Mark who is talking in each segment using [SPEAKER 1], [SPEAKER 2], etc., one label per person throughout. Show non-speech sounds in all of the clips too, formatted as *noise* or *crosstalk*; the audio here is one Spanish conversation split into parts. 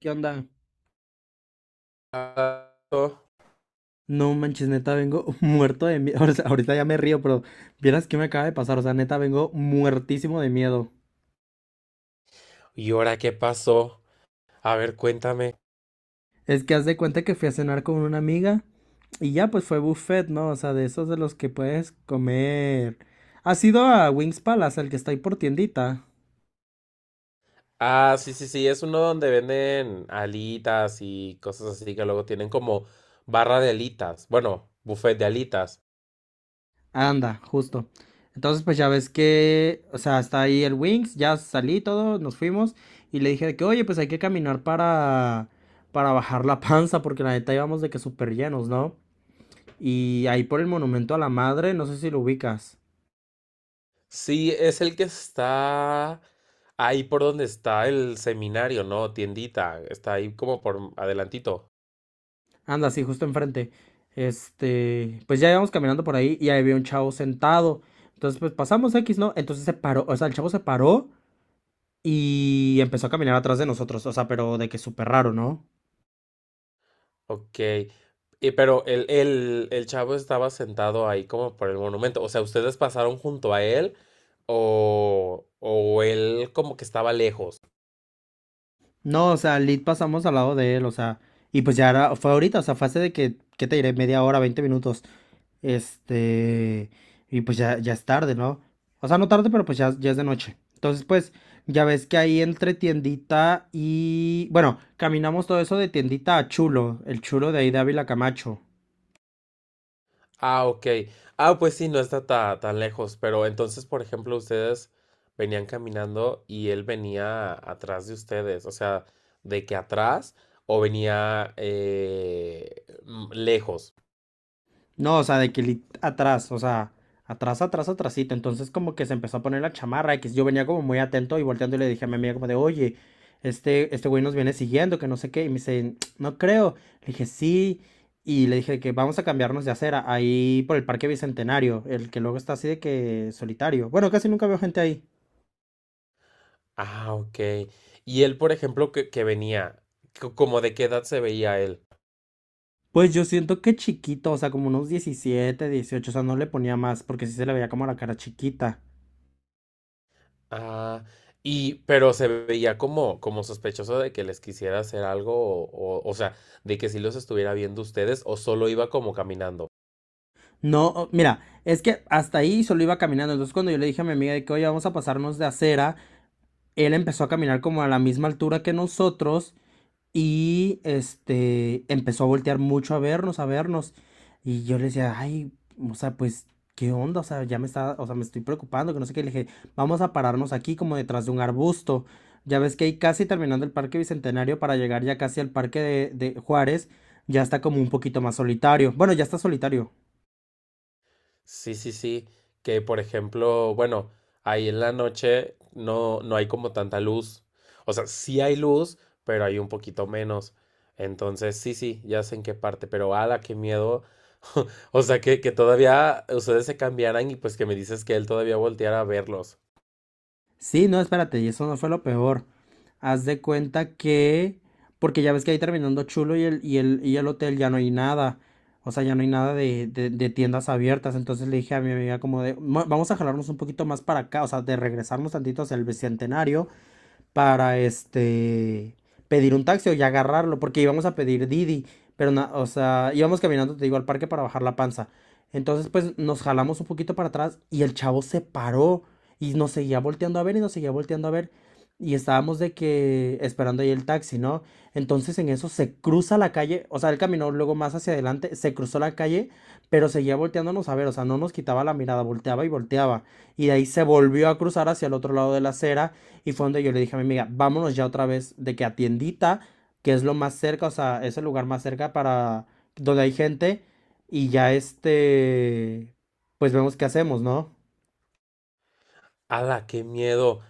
[SPEAKER 1] ¿Qué onda? No manches, neta, vengo *laughs* muerto de miedo. *laughs* Ahorita ya me río, pero vieras qué me acaba de pasar. O sea, neta, vengo muertísimo de miedo.
[SPEAKER 2] ¿Y ahora qué pasó? A ver, cuéntame.
[SPEAKER 1] Es que haz de cuenta que fui a cenar con una amiga y ya pues fue buffet, ¿no? O sea, de esos de los que puedes comer. ¿Has ido a Wings Palace, el que está ahí por tiendita?
[SPEAKER 2] Ah, sí, sí, sí, es uno donde venden alitas y cosas así que luego tienen como barra de alitas. Bueno, buffet de alitas.
[SPEAKER 1] Anda, justo. Entonces, pues ya ves que, o sea, está ahí el Wings, ya salí y todo, nos fuimos y le dije de que, oye, pues hay que caminar para bajar la panza porque la neta íbamos de que súper llenos, ¿no? Y ahí por el monumento a la madre, no sé si lo ubicas.
[SPEAKER 2] Sí, es el que está ahí por donde está el seminario, ¿no? Tiendita. Está ahí como por adelantito.
[SPEAKER 1] Anda, sí, justo enfrente. Este, pues ya íbamos caminando por ahí y ahí había un chavo sentado. Entonces, pues pasamos X, ¿no? Entonces se paró, o sea, el chavo se paró y empezó a caminar atrás de nosotros, o sea, pero de que súper raro, ¿no?
[SPEAKER 2] Ok, y pero el chavo estaba sentado ahí como por el monumento. O sea, ¿ustedes pasaron junto a él o él como que estaba lejos?
[SPEAKER 1] No, o sea, lit pasamos al lado de él, o sea, y pues ya era, fue ahorita, o sea, fue hace de que, ¿qué te diré? Media hora, 20 minutos. Este, y pues ya es tarde, ¿no? O sea, no tarde, pero pues ya es de noche. Entonces, pues, ya ves que ahí entre tiendita y, bueno, caminamos todo eso de tiendita a Chulo, el Chulo de ahí de Ávila Camacho.
[SPEAKER 2] Ah, ok. Ah, pues sí, no está tan lejos. Pero entonces, por ejemplo, ustedes venían caminando y él venía atrás de ustedes. O sea, ¿de que atrás o venía lejos?
[SPEAKER 1] No, o sea, de que atrás, o sea, atrás, atrás, atrásito. Entonces como que se empezó a poner la chamarra y que yo venía como muy atento y volteando y le dije a mi amiga como de, oye, este güey nos viene siguiendo, que no sé qué. Y me dice, no creo. Le dije, sí. Y le dije que vamos a cambiarnos de acera ahí por el Parque Bicentenario, el que luego está así de que solitario. Bueno, casi nunca veo gente ahí.
[SPEAKER 2] Ah, ok. Y él, por ejemplo, que venía, ¿como de qué edad se veía él?
[SPEAKER 1] Pues yo siento que chiquito, o sea, como unos 17, 18. O sea, no le ponía más porque sí se le veía como la cara chiquita.
[SPEAKER 2] Ah, y, pero se veía como, como sospechoso de que les quisiera hacer algo, o sea, de que si los estuviera viendo ustedes, o solo iba como caminando.
[SPEAKER 1] No, mira, es que hasta ahí solo iba caminando. Entonces, cuando yo le dije a mi amiga de que, oye, vamos a pasarnos de acera, él empezó a caminar como a la misma altura que nosotros y este empezó a voltear mucho a vernos, a vernos. Y yo le decía, ay, o sea, pues, ¿qué onda? O sea, ya me está, o sea, me estoy preocupando, que no sé qué. Le dije, vamos a pararnos aquí como detrás de un arbusto. Ya ves que ahí casi terminando el Parque Bicentenario para llegar ya casi al Parque de Juárez, ya está como un poquito más solitario. Bueno, ya está solitario.
[SPEAKER 2] Sí, sí, sí, que por ejemplo, bueno, ahí en la noche no, no hay como tanta luz. O sea, sí hay luz, pero hay un poquito menos. Entonces, sí, sí, ya sé en qué parte, pero ala, qué miedo. *laughs* O sea, que todavía ustedes se cambiaran y pues que me dices que él todavía volteara a verlos.
[SPEAKER 1] Sí, no, espérate, y eso no fue lo peor. Haz de cuenta que, porque ya ves que ahí terminando chulo y el hotel ya no hay nada. O sea, ya no hay nada de tiendas abiertas. Entonces le dije a mi amiga como de: Vamos a jalarnos un poquito más para acá, o sea, de regresarnos tantito hacia el Bicentenario para este pedir un taxi o ya agarrarlo, porque íbamos a pedir Didi, pero o sea, íbamos caminando, te digo, al parque para bajar la panza. Entonces, pues nos jalamos un poquito para atrás y el chavo se paró y nos seguía volteando a ver y nos seguía volteando a ver y estábamos de que esperando ahí el taxi, ¿no? Entonces en eso se cruza la calle, o sea, él caminó luego más hacia adelante, se cruzó la calle, pero seguía volteándonos a ver, o sea, no nos quitaba la mirada, volteaba y volteaba. Y de ahí se volvió a cruzar hacia el otro lado de la acera y fue donde yo le dije a mi amiga, vámonos ya otra vez de que a tiendita, que es lo más cerca, o sea, es el lugar más cerca para donde hay gente. Y ya este, pues vemos qué hacemos, ¿no?
[SPEAKER 2] ¡Hala, qué miedo!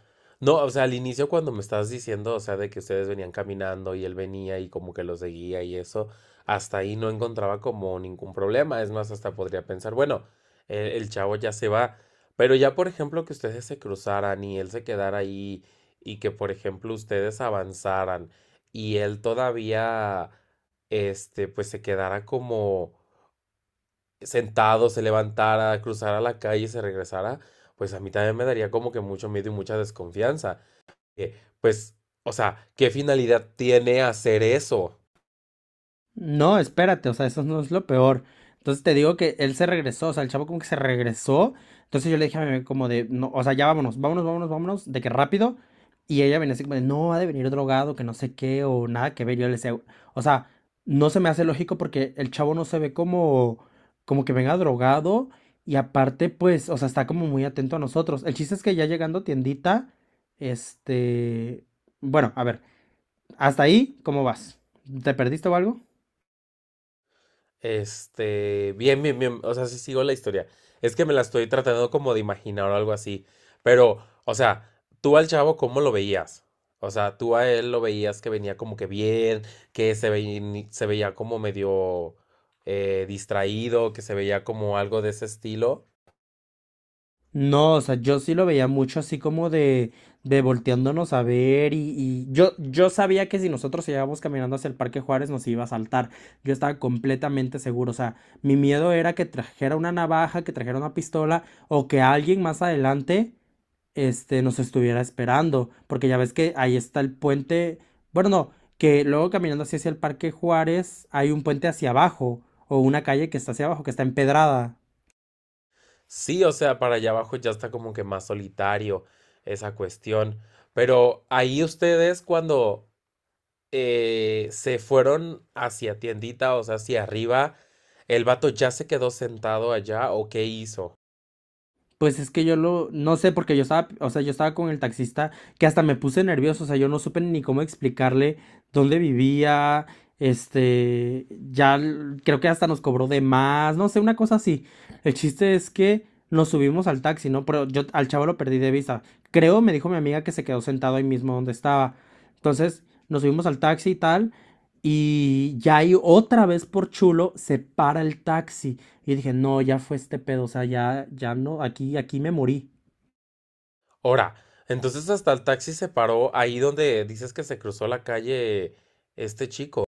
[SPEAKER 2] No, o sea, al inicio cuando me estabas diciendo, o sea, de que ustedes venían caminando y él venía y como que lo seguía y eso, hasta ahí no encontraba como ningún problema. Es más, hasta podría pensar, bueno, el chavo ya se va. Pero ya, por ejemplo, que ustedes se cruzaran y él se quedara ahí y que, por ejemplo, ustedes avanzaran y él todavía, pues se quedara como sentado, se levantara, cruzara la calle y se regresara, pues a mí también me daría como que mucho miedo y mucha desconfianza. Eh, pues, o sea, ¿qué finalidad tiene hacer eso?
[SPEAKER 1] No, espérate, o sea, eso no es lo peor. Entonces te digo que él se regresó, o sea, el chavo como que se regresó. Entonces yo le dije a mi mamá como de, no, o sea, ya vámonos, vámonos, vámonos, vámonos, de que rápido. Y ella venía así como de, no, ha de venir drogado, que no sé qué, o nada que ver. Yo le decía, o sea, no se me hace lógico porque el chavo no se ve como que venga drogado. Y aparte, pues, o sea, está como muy atento a nosotros. El chiste es que ya llegando a tiendita, este, bueno, a ver, hasta ahí, ¿cómo vas? ¿Te perdiste o algo?
[SPEAKER 2] Bien, bien, bien, o sea, sí sigo la historia. Es que me la estoy tratando como de imaginar o algo así. Pero, o sea, tú al chavo, ¿cómo lo veías? O sea, tú a él lo veías que venía como que bien, que se veía como medio distraído, que se veía como algo de ese estilo.
[SPEAKER 1] No, o sea, yo sí lo veía mucho así como de volteándonos a ver y yo sabía que si nosotros llegábamos caminando hacia el Parque Juárez nos iba a saltar. Yo estaba completamente seguro. O sea, mi miedo era que trajera una navaja, que trajera una pistola o que alguien más adelante, este, nos estuviera esperando. Porque ya ves que ahí está el puente. Bueno, no, que luego caminando así hacia el Parque Juárez hay un puente hacia abajo o una calle que está hacia abajo, que está empedrada.
[SPEAKER 2] Sí, o sea, para allá abajo ya está como que más solitario esa cuestión. Pero ahí ustedes cuando se fueron hacia tiendita, o sea, hacia arriba, ¿el vato ya se quedó sentado allá o qué hizo?
[SPEAKER 1] Pues es que yo lo, no sé, porque yo estaba, o sea, yo estaba con el taxista que hasta me puse nervioso, o sea, yo no supe ni cómo explicarle dónde vivía, este, creo que hasta nos cobró de más, no sé, una cosa así. El chiste es que nos subimos al taxi, ¿no? Pero yo al chavo lo perdí de vista. Creo, me dijo mi amiga que se quedó sentado ahí mismo donde estaba. Entonces, nos subimos al taxi y tal, y ya ahí otra vez por chulo se para el taxi. Y dije, no, ya fue este pedo, o sea, ya no, aquí me morí.
[SPEAKER 2] Ahora, entonces hasta el taxi se paró ahí donde dices que se cruzó la calle este chico.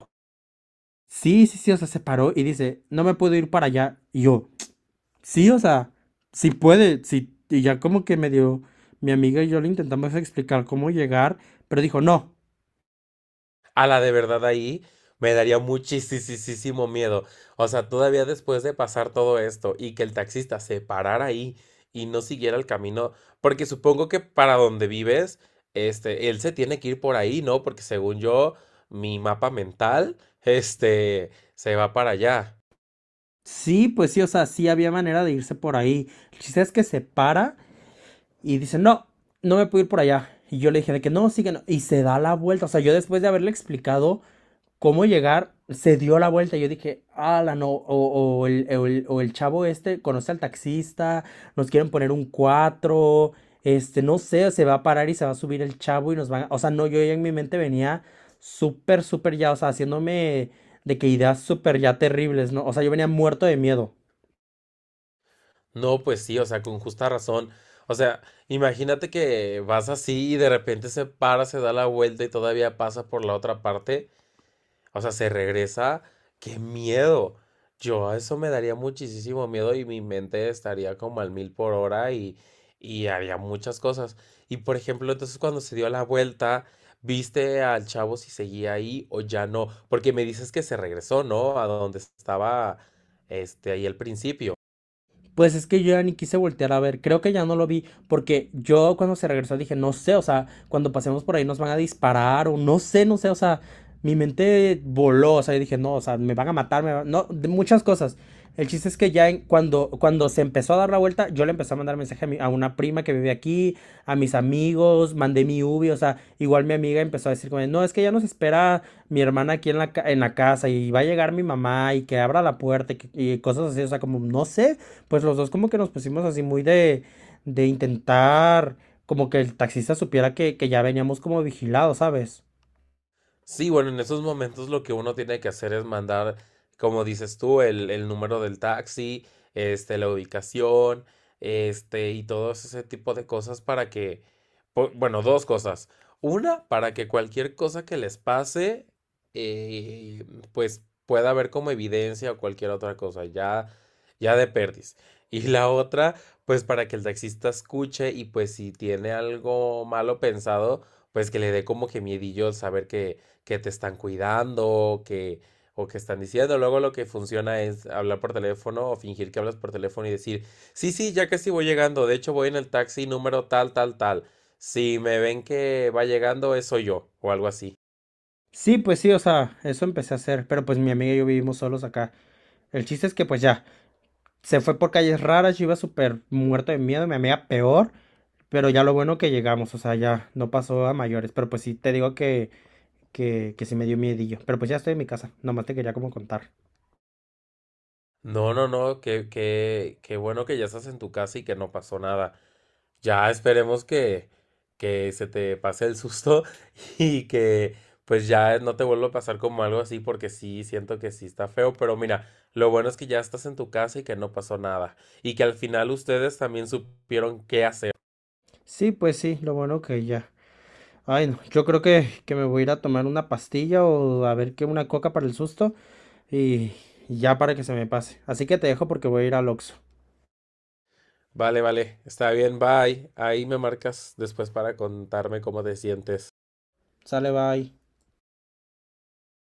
[SPEAKER 1] Sí, sí, sí, o sea, se paró y dice, no me puedo ir para allá. Y yo, sí, o sea, sí puede, sí. Y ya como que me dio, mi amiga y yo le intentamos explicar cómo llegar, pero dijo, no,
[SPEAKER 2] A la de verdad ahí me daría muchísimo miedo. O sea, todavía después de pasar todo esto y que el taxista se parara ahí y no siguiera el camino, porque supongo que para donde vives, él se tiene que ir por ahí, ¿no? Porque según yo, mi mapa mental, *laughs* se va para allá.
[SPEAKER 1] sí, pues sí, o sea, sí había manera de irse por ahí. El chiste es que se para y dice, no, no me puedo ir por allá. Y yo le dije de que no, sí que no. Y se da la vuelta. O sea, yo después de haberle explicado cómo llegar, se dio la vuelta. Y yo dije, ala, no, o el chavo este conoce al taxista, nos quieren poner un 4 este, no sé, se va a parar y se va a subir el chavo y nos van a... O sea, no, yo ya en mi mente venía súper, súper ya, o sea, haciéndome de que ideas súper ya terribles, ¿no? O sea, yo venía muerto de miedo.
[SPEAKER 2] No, pues sí, o sea, con justa razón. O sea, imagínate que vas así y de repente se para, se da la vuelta y todavía pasa por la otra parte. O sea, se regresa. ¡Qué miedo! Yo a eso me daría muchísimo miedo y mi mente estaría como al mil por hora y haría muchas cosas. Y por ejemplo, entonces cuando se dio la vuelta, ¿viste al chavo si seguía ahí o ya no? Porque me dices que se regresó, ¿no? A donde estaba ahí al principio.
[SPEAKER 1] Pues es que yo ya ni quise voltear a ver, creo que ya no lo vi, porque yo cuando se regresó dije, no sé, o sea, cuando pasemos por ahí nos van a disparar, o no sé, no sé, o sea, mi mente voló, o sea, yo dije, no, o sea, me van a matar, no, de muchas cosas. El chiste es que ya cuando se empezó a dar la vuelta, yo le empecé a mandar mensaje a una prima que vive aquí, a mis amigos, mandé mi ubi, o sea, igual mi amiga empezó a decir como, no, es que ya nos espera mi hermana aquí en en la casa y va a llegar mi mamá y que abra la puerta y cosas así, o sea, como, no sé, pues los dos como que nos pusimos así muy de intentar como que el taxista supiera que ya veníamos como vigilados, ¿sabes?
[SPEAKER 2] Sí, bueno, en esos momentos lo que uno tiene que hacer es mandar, como dices tú, el número del taxi, la ubicación, y todo ese tipo de cosas para que, bueno, dos cosas. Una, para que cualquier cosa que les pase, eh, pues pueda haber como evidencia o cualquier otra cosa, ya, ya de perdiz. Y la otra, pues para que el taxista escuche y pues si tiene algo malo pensado, pues que le dé como que miedillo saber que te están cuidando, que, o que están diciendo. Luego lo que funciona es hablar por teléfono o fingir que hablas por teléfono y decir, sí, sí, ya casi voy llegando. De hecho, voy en el taxi número tal, tal, tal. Si me ven que va llegando, eso yo, o algo así.
[SPEAKER 1] Sí, pues sí, o sea, eso empecé a hacer, pero pues mi amiga y yo vivimos solos acá. El chiste es que pues ya, se fue por calles raras, yo iba súper muerto de miedo, mi amiga peor, pero ya lo bueno que llegamos, o sea, ya no pasó a mayores, pero pues sí, te digo que sí me dio miedillo, pero pues ya estoy en mi casa, nomás te quería como contar.
[SPEAKER 2] No, no, no, qué, qué, qué bueno que ya estás en tu casa y que no pasó nada. Ya esperemos que se te pase el susto *laughs* y que pues ya no te vuelva a pasar como algo así porque sí, siento que sí está feo, pero mira, lo bueno es que ya estás en tu casa y que no pasó nada y que al final ustedes también supieron qué hacer.
[SPEAKER 1] Sí, pues sí, lo bueno que ya. Ay, no, yo creo que me voy a ir a tomar una pastilla o a ver qué una coca para el susto y, y ya para que se me pase. Así que te dejo porque voy a ir al Oxxo.
[SPEAKER 2] Vale, vale, está bien, bye. Ahí me marcas después para contarme cómo te sientes.
[SPEAKER 1] Sale, bye.